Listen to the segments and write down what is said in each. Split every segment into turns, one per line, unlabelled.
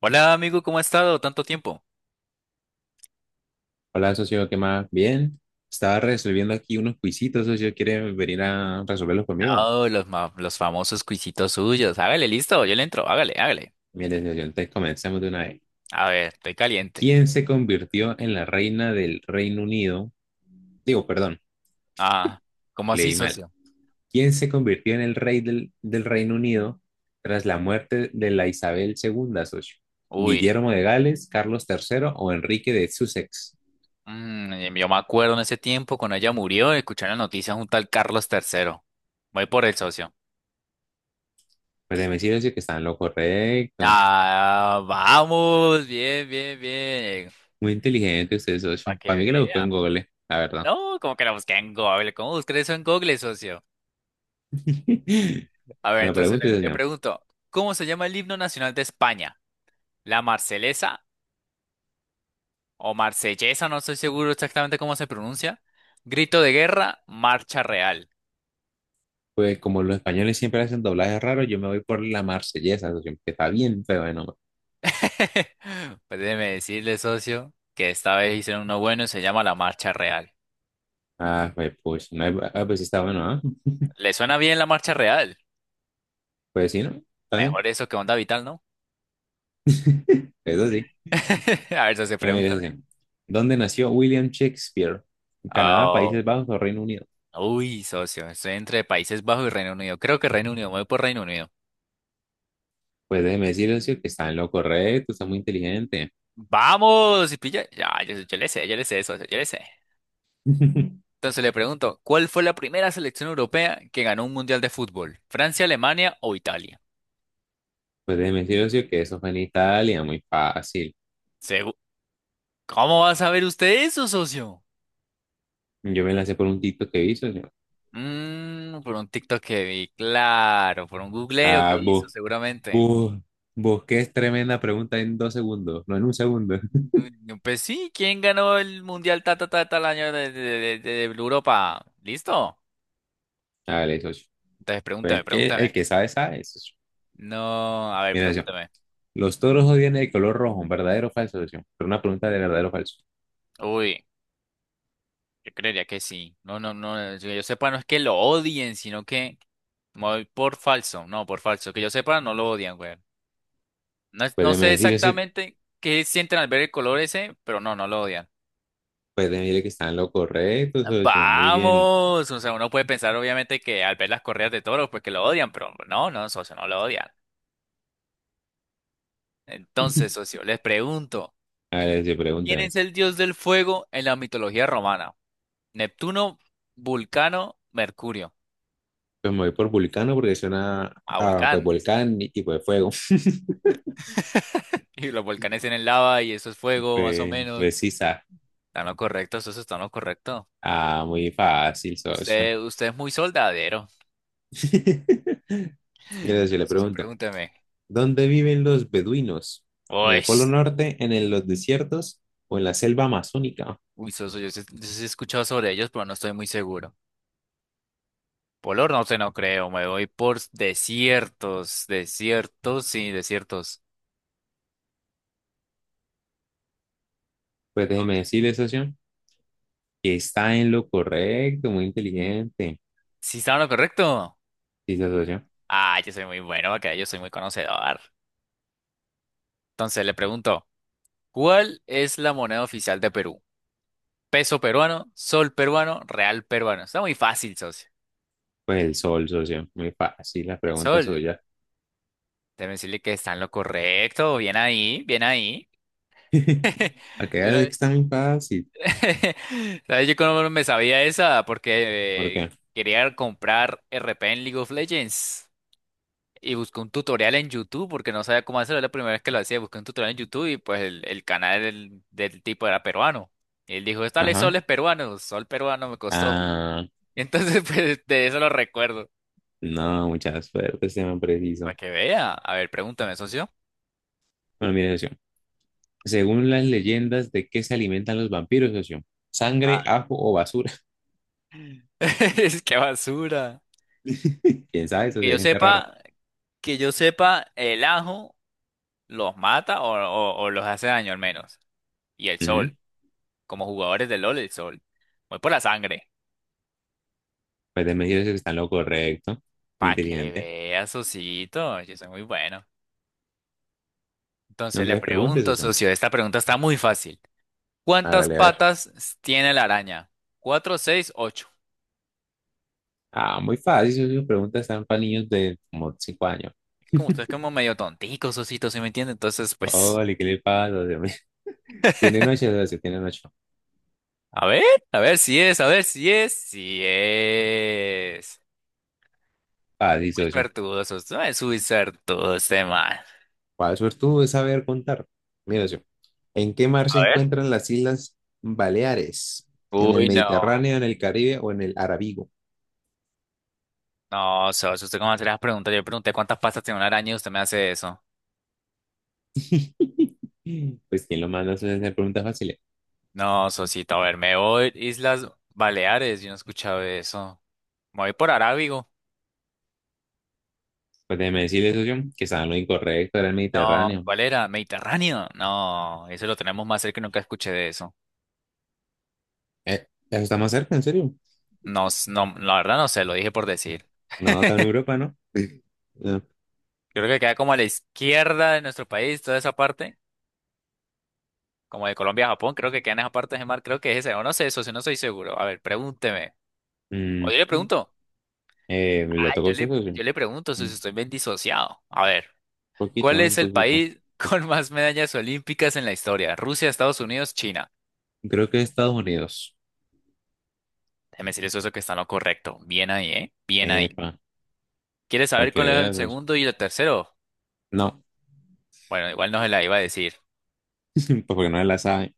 Hola amigo, ¿cómo ha estado? Tanto tiempo.
Hola, socio, ¿qué más? Bien. Estaba resolviendo aquí unos quisitos, socio. ¿Quiere venir a resolverlos conmigo?
Oh, los, los famosos cuisitos suyos. Hágale, listo, yo le entro, hágale, hágale.
Bien, socio, entonces comencemos de una vez.
A ver, estoy caliente.
¿Quién se convirtió en la reina del Reino Unido? Digo, perdón,
Ah, ¿cómo así,
leí mal.
socio?
¿Quién se convirtió en el rey del Reino Unido tras la muerte de la Isabel II, socio?
Uy,
¿Guillermo de Gales, Carlos III o Enrique de Sussex?
yo me acuerdo en ese tiempo cuando ella murió, escuché la noticia junto al Carlos Tercero. Voy por el socio.
Pues déjeme decir, socio, que está en lo correcto.
Ah, vamos, bien, bien, bien.
Muy inteligente usted,
Para
socio.
que
Para mí que lo buscó
vea.
en Google, la verdad.
No, como que la busqué en Google. ¿Cómo busqué eso en Google, socio?
Me
A ver,
lo
entonces
pregunto
le,
y
le pregunto, ¿cómo se llama el himno nacional de España? ¿La Marcelesa? O marsellesa, no estoy seguro exactamente cómo se pronuncia. Grito de guerra, marcha real.
pues como los españoles siempre hacen doblajes raros, yo me voy por la marsellesa, socio, que está bien feo de nombre.
Pues déjeme decirle, socio, que esta vez hicieron uno bueno y se llama la marcha real.
Ah, pues, pues, no hay- ah, pues sí está bueno, ¿ah?
¿Le suena bien la marcha real?
Pues sí, ¿no? Está bien,
Mejor eso que onda vital, ¿no?
eso sí.
A ver, socio,
Bueno, mire,
pregúntame.
socio, ¿dónde nació William Shakespeare? ¿En Canadá, Países
Oh,
Bajos o Reino Unido?
uy, socio, estoy entre Países Bajos y Reino Unido. Creo que Reino Unido, me voy por Reino Unido.
Pues déjeme decir, socio, que está en lo correcto, está muy inteligente.
Vamos, y pilla. Ya, yo le sé, yo le sé, socio, yo le sé. Entonces le pregunto, ¿cuál fue la primera selección europea que ganó un mundial de fútbol? ¿Francia, Alemania o Italia?
Pues déjeme decir, socio, que eso fue en Italia, muy fácil.
Segu- ¿Cómo va a saber usted eso, socio?
Yo me lancé por un TikTok que hizo, socio.
Mm, por un TikTok que vi, claro, por un googleo que
Ah,
hizo seguramente.
vos, vos, que es tremenda pregunta en dos segundos, no en un segundo.
Pues sí, ¿quién ganó el mundial ta ta ta tal año de Europa? ¿Listo?
Dale, socio.
Entonces pregúntame,
Pues que el
pregúntame.
que sabe, sabe, socio.
No, a ver,
Mira, socio.
pregúntame.
Los toros odian el color rojo, ¿verdadero o falso, socio? Pero una pregunta de verdadero o falso.
Uy. Yo creería que sí. No, no, no. Que yo sepa, no es que lo odien, sino que me voy por falso. No, por falso. Que yo sepa, no lo odian, güey. No
Puede
sé
decir, socio.
exactamente qué sienten al ver el color ese, pero no, no lo odian.
Puede decir que está en lo correcto, socio. Muy bien.
Vamos. O sea, uno puede pensar, obviamente, que al ver las correas de toros, pues que lo odian, pero no, no, socio, no lo odian. Entonces, socio, les pregunto:
A ver, socio,
¿quién es
pregúnteme.
el dios del fuego en la mitología romana? ¿Neptuno, Vulcano, Mercurio?
Pues me voy por vulcano porque suena
A
a pues,
Volcán.
volcán y pues fuego.
Y los volcanes tienen lava y eso es fuego, más o
Pues,
menos.
pues sí, sa-
Está en lo correcto, eso está en lo correcto.
Ah, muy fácil, socio.
Usted es muy soldadero.
Mira, socio,
Pero
le
Soso,
pregunto.
pregúnteme.
¿Dónde viven los beduinos? ¿En el Polo
Pues.
Norte, en el- los desiertos o en la selva amazónica?
Uy, Soso, yo sí he escuchado sobre ellos, pero no estoy muy seguro. Polar no sé, no creo. Me voy por desiertos. Desiertos.
Pues déjeme decirle, socio, que está en lo correcto, muy inteligente.
Sí, estaba en lo correcto.
Dice, socio,
Ah, yo soy muy bueno, acá yo soy muy conocedor. Entonces le pregunto, ¿cuál es la moneda oficial de Perú? Peso peruano, sol peruano, real peruano. Está muy fácil, socio.
pues el sol, socio, muy fácil la
El
pregunta
sol.
suya.
Deben decirle que está en lo correcto. Bien ahí, bien ahí. Yo,
Acá
no-
está muy fácil.
¿Sabes? Yo cómo no me sabía esa
¿Por
porque
qué?
quería comprar RP en League of Legends. Y busqué un tutorial en YouTube porque no sabía cómo hacerlo. La primera vez que lo hacía, busqué un tutorial en YouTube y pues el canal del tipo era peruano. Y él dijo, tal sol
Ajá.
es peruano, sol peruano me costó.
Ah,
Entonces, pues de eso lo recuerdo.
no, mucha suerte, este man
Para
preciso.
que vea. A ver, pregúntame, socio.
Bueno, mire, socio, según las leyendas, ¿de qué se alimentan los vampiros, socio? ¿Sangre,
Ah.
ajo o basura?
Es que basura.
¿Quién sabe,
Que
socio?
yo
Hay gente rara.
sepa, que yo sepa, el ajo los mata o los hace daño al menos. Y el
Ujú.
sol, como jugadores de LOL, el sol. Voy por la sangre.
Pues déjeme decirle, socio, que está en lo correcto, muy
Para que
inteligente.
vea socito, yo soy muy bueno. Entonces
No
le
te preguntes,
pregunto,
socio.
socio, esta pregunta está muy fácil. ¿Cuántas
Hágale, a ver.
patas tiene la araña? ¿Cuatro, seis, ocho?
Ah, muy fácil, esas sus preguntas están para niños de como 5 años.
Como usted es como medio tontico, socito, ¿sí me entiende? Entonces, pues,
Ole, ¿qué le pasa, Dios mío? Tienen ocho, socio, tienen ocho.
a ver, a ver si es, si es.
Fácil,
Muy
socio.
suertudosos, no es muy suertudo este man.
¿Cuál suertudo es saber contar? Mira, socio, ¿en qué mar
A
se
ver.
encuentran las Islas Baleares? ¿En el
Uy, no,
Mediterráneo, en el Caribe o en el Arábigo?
no, socio, usted cómo hace las preguntas. Yo le pregunté cuántas pastas tiene una araña y usted me hace eso.
Pues, ¿quién lo manda a hacer preguntas fáciles?
No, socito, a ver, me voy Islas Baleares, yo no he escuchado eso. Me voy por Arábigo.
Pues déjeme decirle, socio, que estaba en lo incorrecto, era el
No,
Mediterráneo.
¿cuál era? Mediterráneo. No, eso lo tenemos más cerca y nunca escuché de eso.
Eso está más cerca, en serio.
No, la verdad no sé, lo dije por decir.
No, está en Europa, ¿no? No.
Creo que queda como a la izquierda de nuestro país, toda esa parte. Como de Colombia a Japón, creo que quedan esas partes de mar, creo que es ese, o no sé eso, si no soy seguro. A ver, pregúnteme.
Mm.
O yo le pregunto.
¿Eh,
Ah,
le tocó a usted, socio?
yo le pregunto si
Un
estoy bien disociado. A ver,
poquito,
¿cuál
¿no? Un
es el
poquito.
país con más medallas olímpicas en la historia? Rusia, Estados Unidos, China.
Creo que Estados Unidos.
Déjeme decir eso, que está en lo correcto. Bien ahí, ¿eh? Bien ahí.
Epa,
¿Quieres
para
saber
que
cuál es el
veas. Pues,
segundo y el tercero?
no,
Bueno, igual no se la iba a decir.
pues porque no la sabe.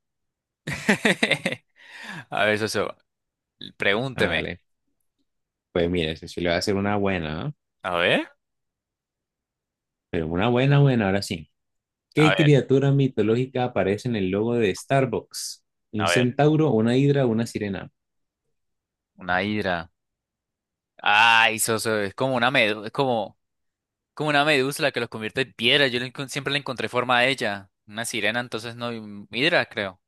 A ver, socio, pregúnteme.
Hágale. Pues mire, si le voy a hacer una buena, ¿ah?
A ver,
Pero una buena, buena, ahora sí.
a
¿Qué
ver,
criatura mitológica aparece en el logo de Starbucks? ¿Un
a ver.
centauro, una hidra, o una sirena?
Una hidra. Ay, socio, es como una medusa, es como... como una medusa la que los convierte en piedra. Siempre le encontré forma a ella. Una sirena, entonces no. Hidra, creo.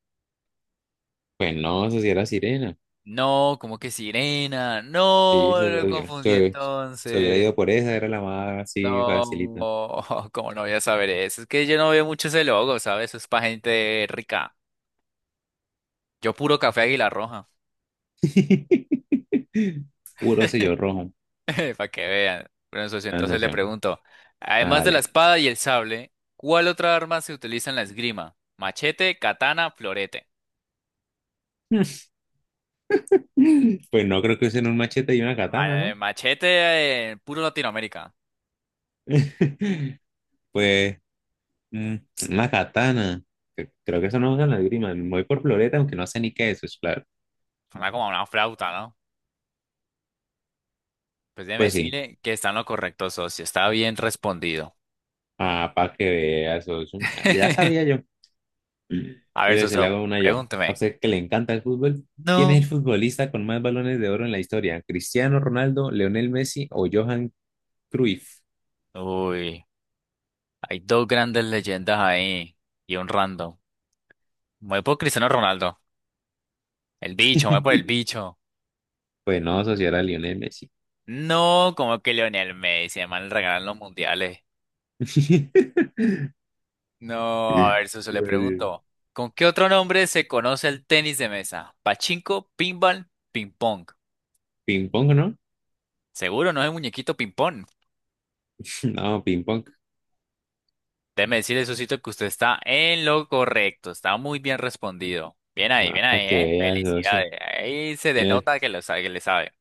Pues no, eso sí era sirena.
No, como que sirena.
Sí,
No,
se
lo
lo dio.
confundí
Se hubiera ido
entonces.
por esa, era la más así facilita.
No, como no voy a saber eso? Es que yo no veo mucho ese logo, ¿sabes? Eso es para gente rica. Yo puro café Águila Roja.
Puro sello rojo,
Para que vean. Bueno, socio,
la
entonces le
sensación.
pregunto. Además de la
Hágale.
espada y el sable, ¿cuál otra arma se utiliza en la esgrima? Machete, katana, florete.
Pues no creo que usen un machete y una katana,
El
¿no?
machete, puro Latinoamérica.
Pues mm, una katana. Cre- Creo que eso no usan la esgrima. Me voy por floreta, aunque no sé ni qué es eso, claro.
Suena como una flauta, ¿no? Pues déjeme
Pues sí.
decirle que está en lo correcto, socio. Está bien respondido.
Ah, para que veas. Eso un- Ya sabía yo.
A ver,
Mira, se le
socio,
hago una yo.
pregúnteme.
A usted que le encanta el fútbol. ¿Quién es
No.
el futbolista con más balones de oro en la historia? ¿Cristiano Ronaldo, Lionel Messi o Johan Cruyff?
Uy, hay dos grandes leyendas ahí y un random. Me voy por Cristiano Ronaldo. El bicho, me voy por el bicho.
Pues no, socio, era Lionel Messi.
No, como que Lionel Messi, además le regalan los mundiales. No, a ver, socio, le
Pues,
pregunto. ¿Con qué otro nombre se conoce el tenis de mesa? Pachinko, pinball, ping pong.
ping pong.
Seguro, no es muñequito ping-pong.
No, ping pong.
Déjeme decirle, Sosito, que usted está en lo correcto. Está muy bien respondido.
Ah,
Bien
para
ahí,
que
¿eh?
vea, socio.
Felicidades. Ahí se
Eh,
denota que lo sabe, que le sabe.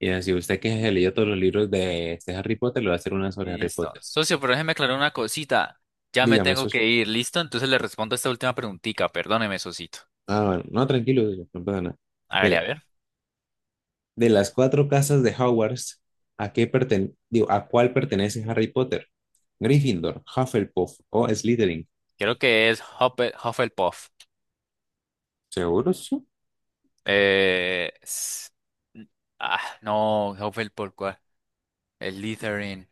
Y así usted que se leyó todos los libros de este Harry Potter, le va a hacer una sobre Harry
Listo.
Potter.
Socio, pero déjeme aclarar una cosita. Ya me
Dígame,
tengo que
socio.
ir, ¿listo? Entonces le respondo esta última preguntita. Perdóneme, Sosito.
Ah, bueno, no, tranquilo, socio, no pasa nada.
Hágale, a
Mire,
ver.
de las cuatro casas de Hogwarts, ¿a qué perten- digo, a cuál pertenece Harry Potter? Gryffindor, Hufflepuff o Slytherin.
Creo que es Hufflepuff.
¿Seguro, socio?
Eh... s- Ah, no, Hufflepuff, ¿cuál? El Slytherin.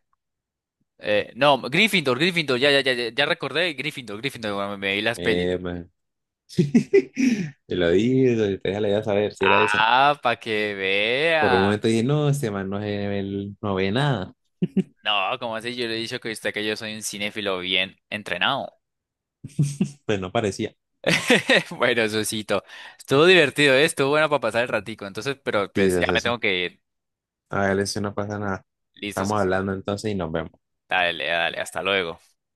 No, Gryffindor, Gryffindor, ya, ya, ya, ya recordé, Gryffindor, Gryffindor, cuando me vi las pelis.
Man. Te lo dije, socio, usted ya le iba a saber si era esa.
Ah, para que
Por un
vea.
momento dije, no, este man no, se- él no ve nada.
No, como así, yo le he dicho que yo soy un cinéfilo bien entrenado.
Pues no parecía.
Bueno, Susito, estuvo divertido, ¿eh? Estuvo bueno para pasar el ratico, entonces, pero
Sí,
pues ya me
socio.
tengo que ir.
A ver, eso no pasa nada.
Listo,
Estamos
Susito.
hablando entonces y nos vemos.
Dale, dale, hasta luego.